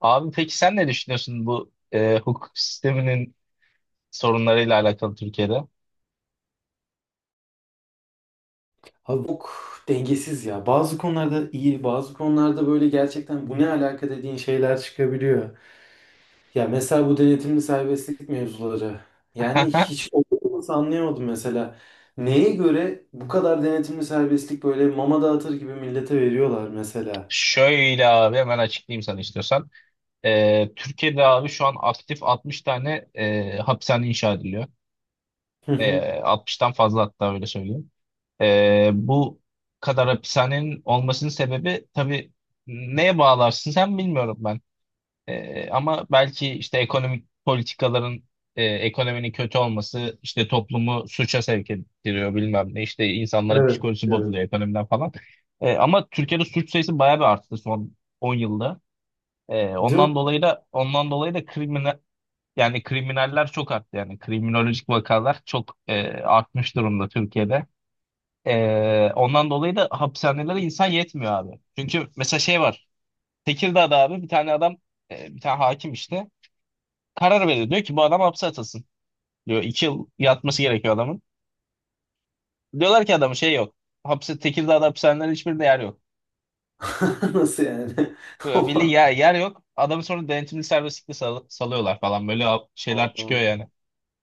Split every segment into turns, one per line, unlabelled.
Abi peki sen ne düşünüyorsun bu hukuk sisteminin sorunlarıyla alakalı Türkiye'de?
Abi çok dengesiz ya. Bazı konularda iyi, bazı konularda böyle gerçekten bu ne alaka dediğin şeyler çıkabiliyor. Ya mesela bu denetimli serbestlik mevzuları. Yani hiç oturması anlayamadım mesela. Neye göre bu kadar denetimli serbestlik böyle mama dağıtır gibi millete veriyorlar mesela.
Şöyle abi, hemen açıklayayım sana istiyorsan. Türkiye'de abi şu an aktif 60 tane hapishane inşa ediliyor.
Hı hı.
60'tan fazla hatta, öyle söyleyeyim. Bu kadar hapishanenin olmasının sebebi, tabii neye bağlarsın sen bilmiyorum. Ama belki işte ekonomik politikaların, ekonominin kötü olması işte toplumu suça sevk ettiriyor, bilmem ne, işte insanların
Evet,
psikolojisi
evet.
bozuluyor ekonomiden falan. Ama Türkiye'de suç sayısı bayağı bir arttı son 10 yılda.
Değil mi?
Ondan dolayı da kriminal, yani kriminaller çok arttı, yani kriminolojik vakalar çok artmış durumda Türkiye'de. Ondan dolayı da hapishanelere insan yetmiyor abi. Çünkü mesela şey var. Tekirdağ'da abi, bir tane adam bir tane hakim işte karar veriyor. Diyor ki bu adam hapse atılsın. Diyor 2 yıl yatması gerekiyor adamın. Diyorlar ki adamın şey yok. Hapse Tekirdağ'da hapishanelerin hiçbirinde yer yok.
Nasıl yani?
Böyle belli
Ama
yer yok. Adamı sonra denetimli serbestlikle salıyorlar falan. Böyle şeyler çıkıyor
Allah'ım.
yani.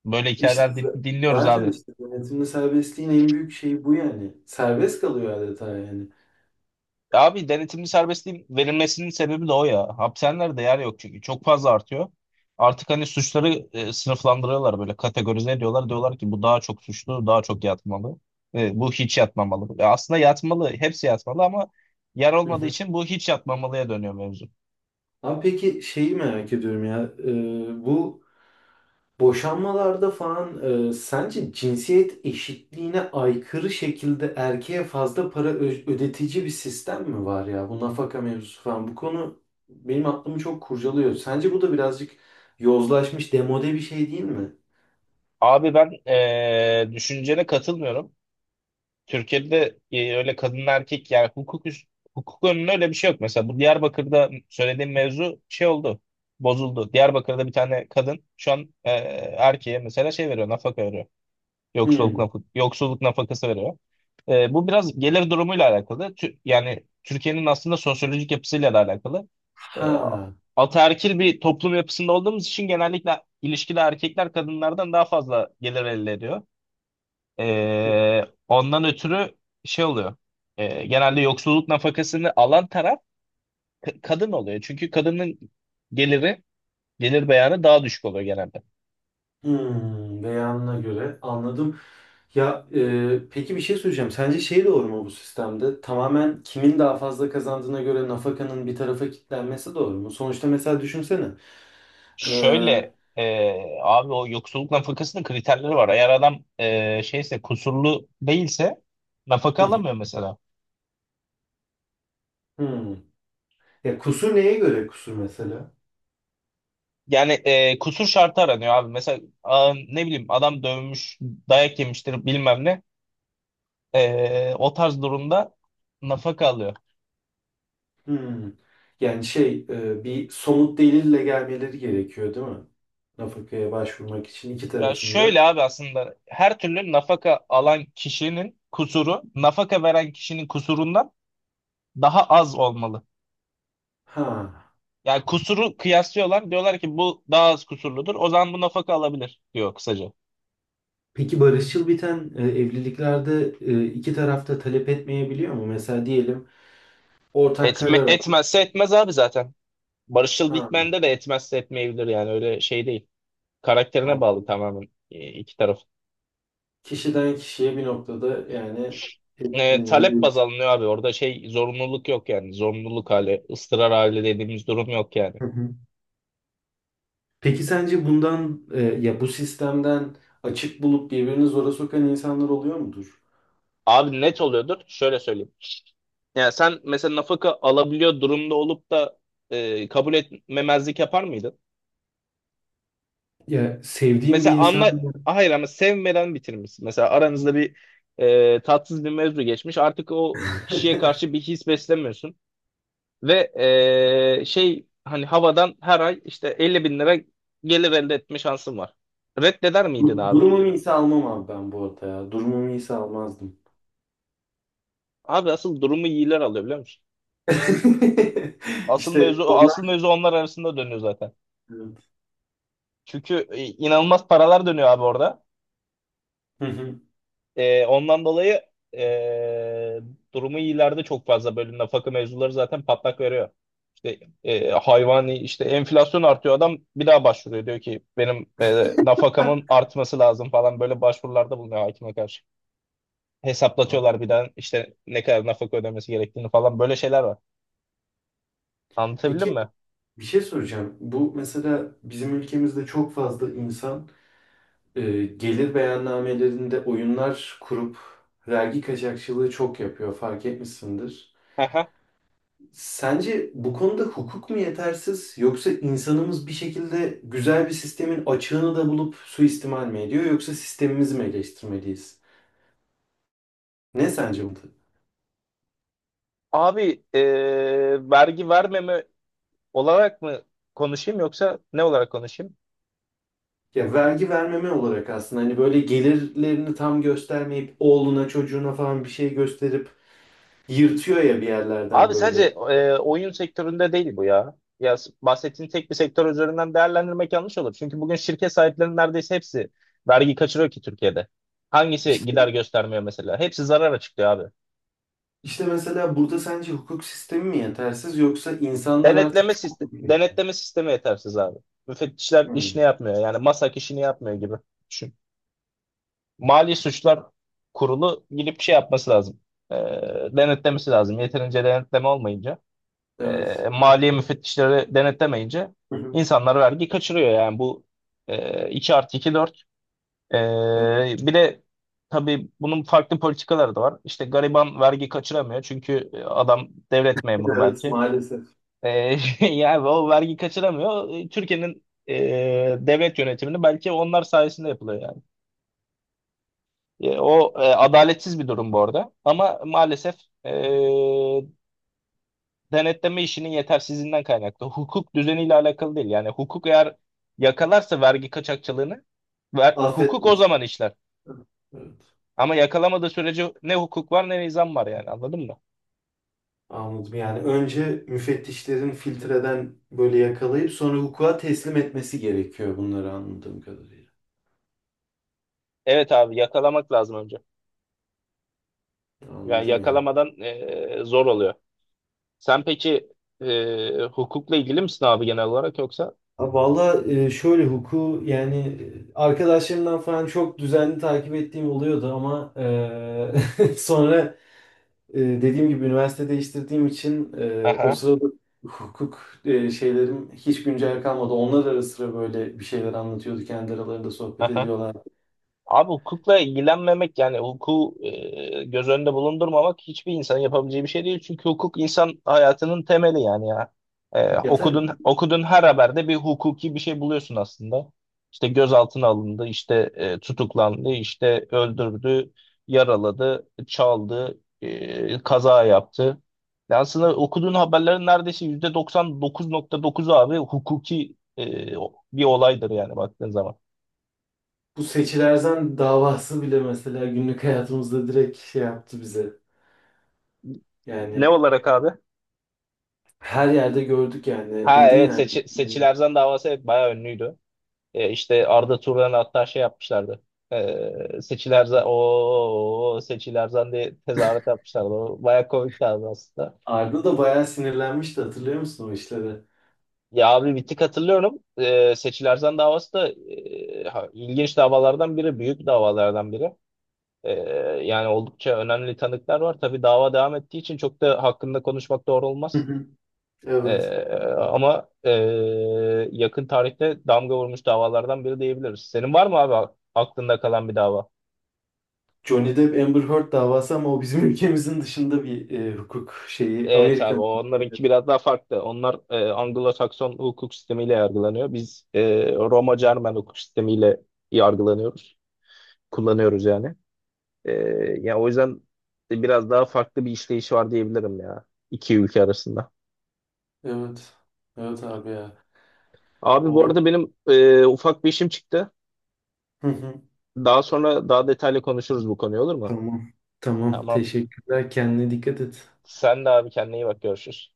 Böyle
İşte
hikayeler
z-
dinliyoruz
zaten
abi.
işte denetimli serbestliğin en büyük şeyi bu yani. Serbest kalıyor adeta yani.
Ya abi, denetimli serbestliğin verilmesinin sebebi de o ya. Hapishanelerde yer yok çünkü. Çok fazla artıyor. Artık hani suçları sınıflandırıyorlar, böyle kategorize ediyorlar. Diyorlar ki bu daha çok suçlu, daha çok yatmalı. Bu hiç yatmamalı. Aslında yatmalı, hepsi yatmalı, ama yer
Hı
olmadığı
hı.
için bu hiç yatmamalıya dönüyor mevzu.
Abi peki şeyi merak ediyorum ya, bu boşanmalarda falan, sence cinsiyet eşitliğine aykırı şekilde erkeğe fazla para ödetici bir sistem mi var ya bu nafaka mevzusu falan bu konu benim aklımı çok kurcalıyor. Sence bu da birazcık yozlaşmış demode bir şey değil mi?
Abi ben düşüncene katılmıyorum. Türkiye'de öyle kadın erkek, yani hukuk önünde öyle bir şey yok. Mesela bu Diyarbakır'da söylediğim mevzu şey oldu. Bozuldu. Diyarbakır'da bir tane kadın şu an erkeğe mesela şey veriyor, nafaka veriyor.
Hı.
Yoksulluk nafakası veriyor. Bu biraz gelir durumuyla alakalı. Yani Türkiye'nin aslında sosyolojik yapısıyla da alakalı.
Ha.
E, Ataerkil bir toplum yapısında olduğumuz için genellikle ilişkide erkekler kadınlardan daha fazla gelir elde ediyor.
Hmm.
Ee, ondan ötürü şey oluyor. Genelde yoksulluk nafakasını alan taraf kadın oluyor. Çünkü kadının geliri, gelir beyanı daha düşük oluyor genelde.
Hmm, beyanına göre anladım. Ya, peki bir şey söyleyeceğim. Sence şey doğru mu bu sistemde? Tamamen kimin daha fazla kazandığına göre nafakanın bir tarafa kilitlenmesi doğru mu? Sonuçta mesela düşünsene. E, hı
Şöyle abi, o yoksulluk nafakasının kriterleri var. Eğer adam şeyse, kusurlu değilse nafaka
hı,
alamıyor mesela.
hmm. Ya kusur neye göre kusur mesela?
Yani kusur şartı aranıyor abi. Mesela ne bileyim, adam dövmüş, dayak yemiştir, bilmem ne. O tarz durumda nafaka alıyor.
Hmm. Yani şey, bir somut delille gelmeleri gerekiyor değil mi? Nafakaya başvurmak için iki
Ya
tarafında.
şöyle abi, aslında her türlü nafaka alan kişinin kusuru, nafaka veren kişinin kusurundan daha az olmalı.
Ha.
Yani kusuru kıyaslıyorlar, diyorlar ki bu daha az kusurludur, o zaman bu nafaka alabilir diyor kısaca.
Peki barışçıl biten evliliklerde, iki tarafta talep etmeyebiliyor mu? Mesela diyelim ortak karar al.
Etmezse etmez abi zaten. Barışçıl
Ha,
Bitmen'de de etmezse etmeyebilir, yani öyle şey değil. Karakterine bağlı
anladım.
tamamen iki taraf.
Kişiden kişiye bir noktada yani etkileniyor
Talep baz
diyorsun.
alınıyor abi, orada şey zorunluluk yok, yani zorunluluk hali, ıstırar hali dediğimiz durum yok yani.
Hı hı. Peki sence bundan, ya bu sistemden açık bulup birbirini zora sokan insanlar oluyor mudur?
Abi net oluyordur, şöyle söyleyeyim. Yani sen mesela nafaka alabiliyor durumda olup da kabul etmemezlik yapar mıydın?
Ya sevdiğim bir
Mesela
insan.
anla, ah, hayır, ama sevmeden bitirmişsin. Mesela aranızda bir tatsız bir mevzu geçmiş. Artık o kişiye karşı bir his beslemiyorsun. Ve şey, hani havadan her ay işte 50 bin lira gelir elde etme şansın var. Reddeder miydin abi?
Durumum iyiyse almam abi ben bu arada ya. Durumum iyiyse almazdım.
Abi, asıl durumu iyiler alıyor biliyor musun? Asıl mevzu
İşte onlar.
asıl mevzu onlar arasında dönüyor zaten.
Evet.
Çünkü inanılmaz paralar dönüyor abi orada.
Hı hı.
Ondan dolayı ee, durumu iyilerde çok fazla bölüm nafaka mevzuları zaten patlak veriyor. İşte hayvani işte, enflasyon artıyor, adam bir daha başvuruyor, diyor ki benim nafakamın artması lazım falan, böyle başvurularda bulunuyor hakime karşı. Hesaplatıyorlar bir daha işte ne kadar nafaka ödemesi gerektiğini falan, böyle şeyler var. Anlatabildim
Peki
mi?
bir şey soracağım. Bu mesela bizim ülkemizde çok fazla insan, gelir beyannamelerinde oyunlar kurup vergi kaçakçılığı çok yapıyor fark etmişsindir.
Aha.
Sence bu konuda hukuk mu yetersiz yoksa insanımız bir şekilde güzel bir sistemin açığını da bulup suistimal mi ediyor yoksa sistemimizi mi eleştirmeliyiz? Ne sence bu?
Abi vergi vermeme olarak mı konuşayım, yoksa ne olarak konuşayım?
Ya vergi vermeme olarak aslında hani böyle gelirlerini tam göstermeyip oğluna çocuğuna falan bir şey gösterip yırtıyor ya bir yerlerden
Abi
böyle.
sadece oyun sektöründe değil bu ya. Ya bahsettiğin tek bir sektör üzerinden değerlendirmek yanlış olur. Çünkü bugün şirket sahiplerinin neredeyse hepsi vergi kaçırıyor ki Türkiye'de. Hangisi
İşte
gider göstermiyor mesela? Hepsi zarar açıklıyor abi.
İşte mesela burada sence hukuk sistemi mi yetersiz yoksa insanlar artık
Denetleme
çok
sistemi,
mu biliyor?
denetleme sistemi yetersiz abi. Müfettişler
Hmm.
işini yapmıyor. Yani MASAK işini yapmıyor gibi. Düşün. Mali Suçlar Kurulu gidip şey yapması lazım. E, Denetlemesi lazım. Yeterince denetleme olmayınca,
Evet.
maliye müfettişleri denetlemeyince
Hı hı.
insanlar vergi kaçırıyor, yani bu 2 artı 2 4.
Evet.
E, Bir de tabii bunun farklı politikaları da var, işte gariban vergi kaçıramıyor çünkü adam devlet memuru
Evet,
belki.
maalesef.
E, Yani o vergi kaçıramıyor. Türkiye'nin devlet yönetimini belki onlar sayesinde yapılıyor yani. O adaletsiz bir durum bu arada, ama maalesef e, denetleme işinin yetersizliğinden kaynaklı. Hukuk düzeniyle alakalı değil. Yani hukuk eğer yakalarsa vergi kaçakçılığını, hukuk o
Affetmez.
zaman işler.
Evet.
Ama yakalamadığı sürece ne hukuk var, ne nizam var, yani anladın mı?
Anladım. Yani önce müfettişlerin filtreden böyle yakalayıp sonra hukuka teslim etmesi gerekiyor bunları anladığım kadarıyla.
Evet abi, yakalamak lazım önce. Yani
Anladım ya.
yakalamadan zor oluyor. Sen peki hukukla ilgili misin abi, genel olarak yoksa?
Ha, valla, şöyle hukuku yani, arkadaşlarımdan falan çok düzenli takip ettiğim oluyordu ama, sonra, dediğim gibi üniversite değiştirdiğim için o
Aha,
sırada hukuk, şeylerim hiç güncel kalmadı. Onlar ara sıra böyle bir şeyler anlatıyordu. Kendi aralarında sohbet
aha.
ediyorlar.
Abi hukukla ilgilenmemek, yani hukuku göz önünde bulundurmamak hiçbir insanın yapabileceği bir şey değil. Çünkü hukuk insan hayatının temeli yani ya.
Ya tabii
Okudun okudun, her haberde bir hukuki bir şey buluyorsun aslında. İşte gözaltına alındı, işte tutuklandı, işte öldürdü, yaraladı, çaldı, kaza yaptı. Yani aslında okuduğun haberlerin neredeyse %99,9'u abi hukuki bir olaydır, yani baktığın zaman.
bu Seçil Erzan davası bile mesela günlük hayatımızda direkt şey yaptı bize.
Ne
Yani
olarak abi?
her yerde gördük yani.
Ha,
Dedin
evet.
yani.
Seçil
Yani
Erzan davası hep bayağı ünlüydü. İşte Arda Turan'ı hatta şey yapmışlardı. Seçil Erzan, o Seçil Erzan diye tezahürat yapmışlardı. O bayağı komikti abi aslında.
Arda da bayağı sinirlenmişti, hatırlıyor musun o işleri?
Ya abi, bir tık hatırlıyorum. Seçil Erzan davası da ha, ilginç davalardan biri. Büyük davalardan biri. E, Yani oldukça önemli tanıklar var. Tabii dava devam ettiği için çok da hakkında konuşmak doğru
Hı
olmaz.
hı. Evet.
Ee, ama yakın tarihte damga vurmuş davalardan biri diyebiliriz. Senin var mı abi aklında kalan bir dava?
Johnny Depp Amber Heard davası, ama o bizim ülkemizin dışında bir, hukuk şeyi.
Evet
Amerikan
abi,
hukuku.
onlarınki biraz daha farklı. Onlar Anglo-Sakson hukuk sistemiyle yargılanıyor. Biz Roma-Cermen hukuk sistemiyle yargılanıyoruz. Kullanıyoruz yani. E, Ya o yüzden biraz daha farklı bir işleyişi var diyebilirim ya, iki ülke arasında.
Evet. Evet abi ya.
Abi bu
O.
arada benim ufak bir işim çıktı.
Hı hı.
Daha sonra daha detaylı konuşuruz bu konuyu, olur mu?
Tamam. Tamam.
Tamam.
Teşekkürler. Kendine dikkat et.
Sen de abi, kendine iyi bak, görüşürüz.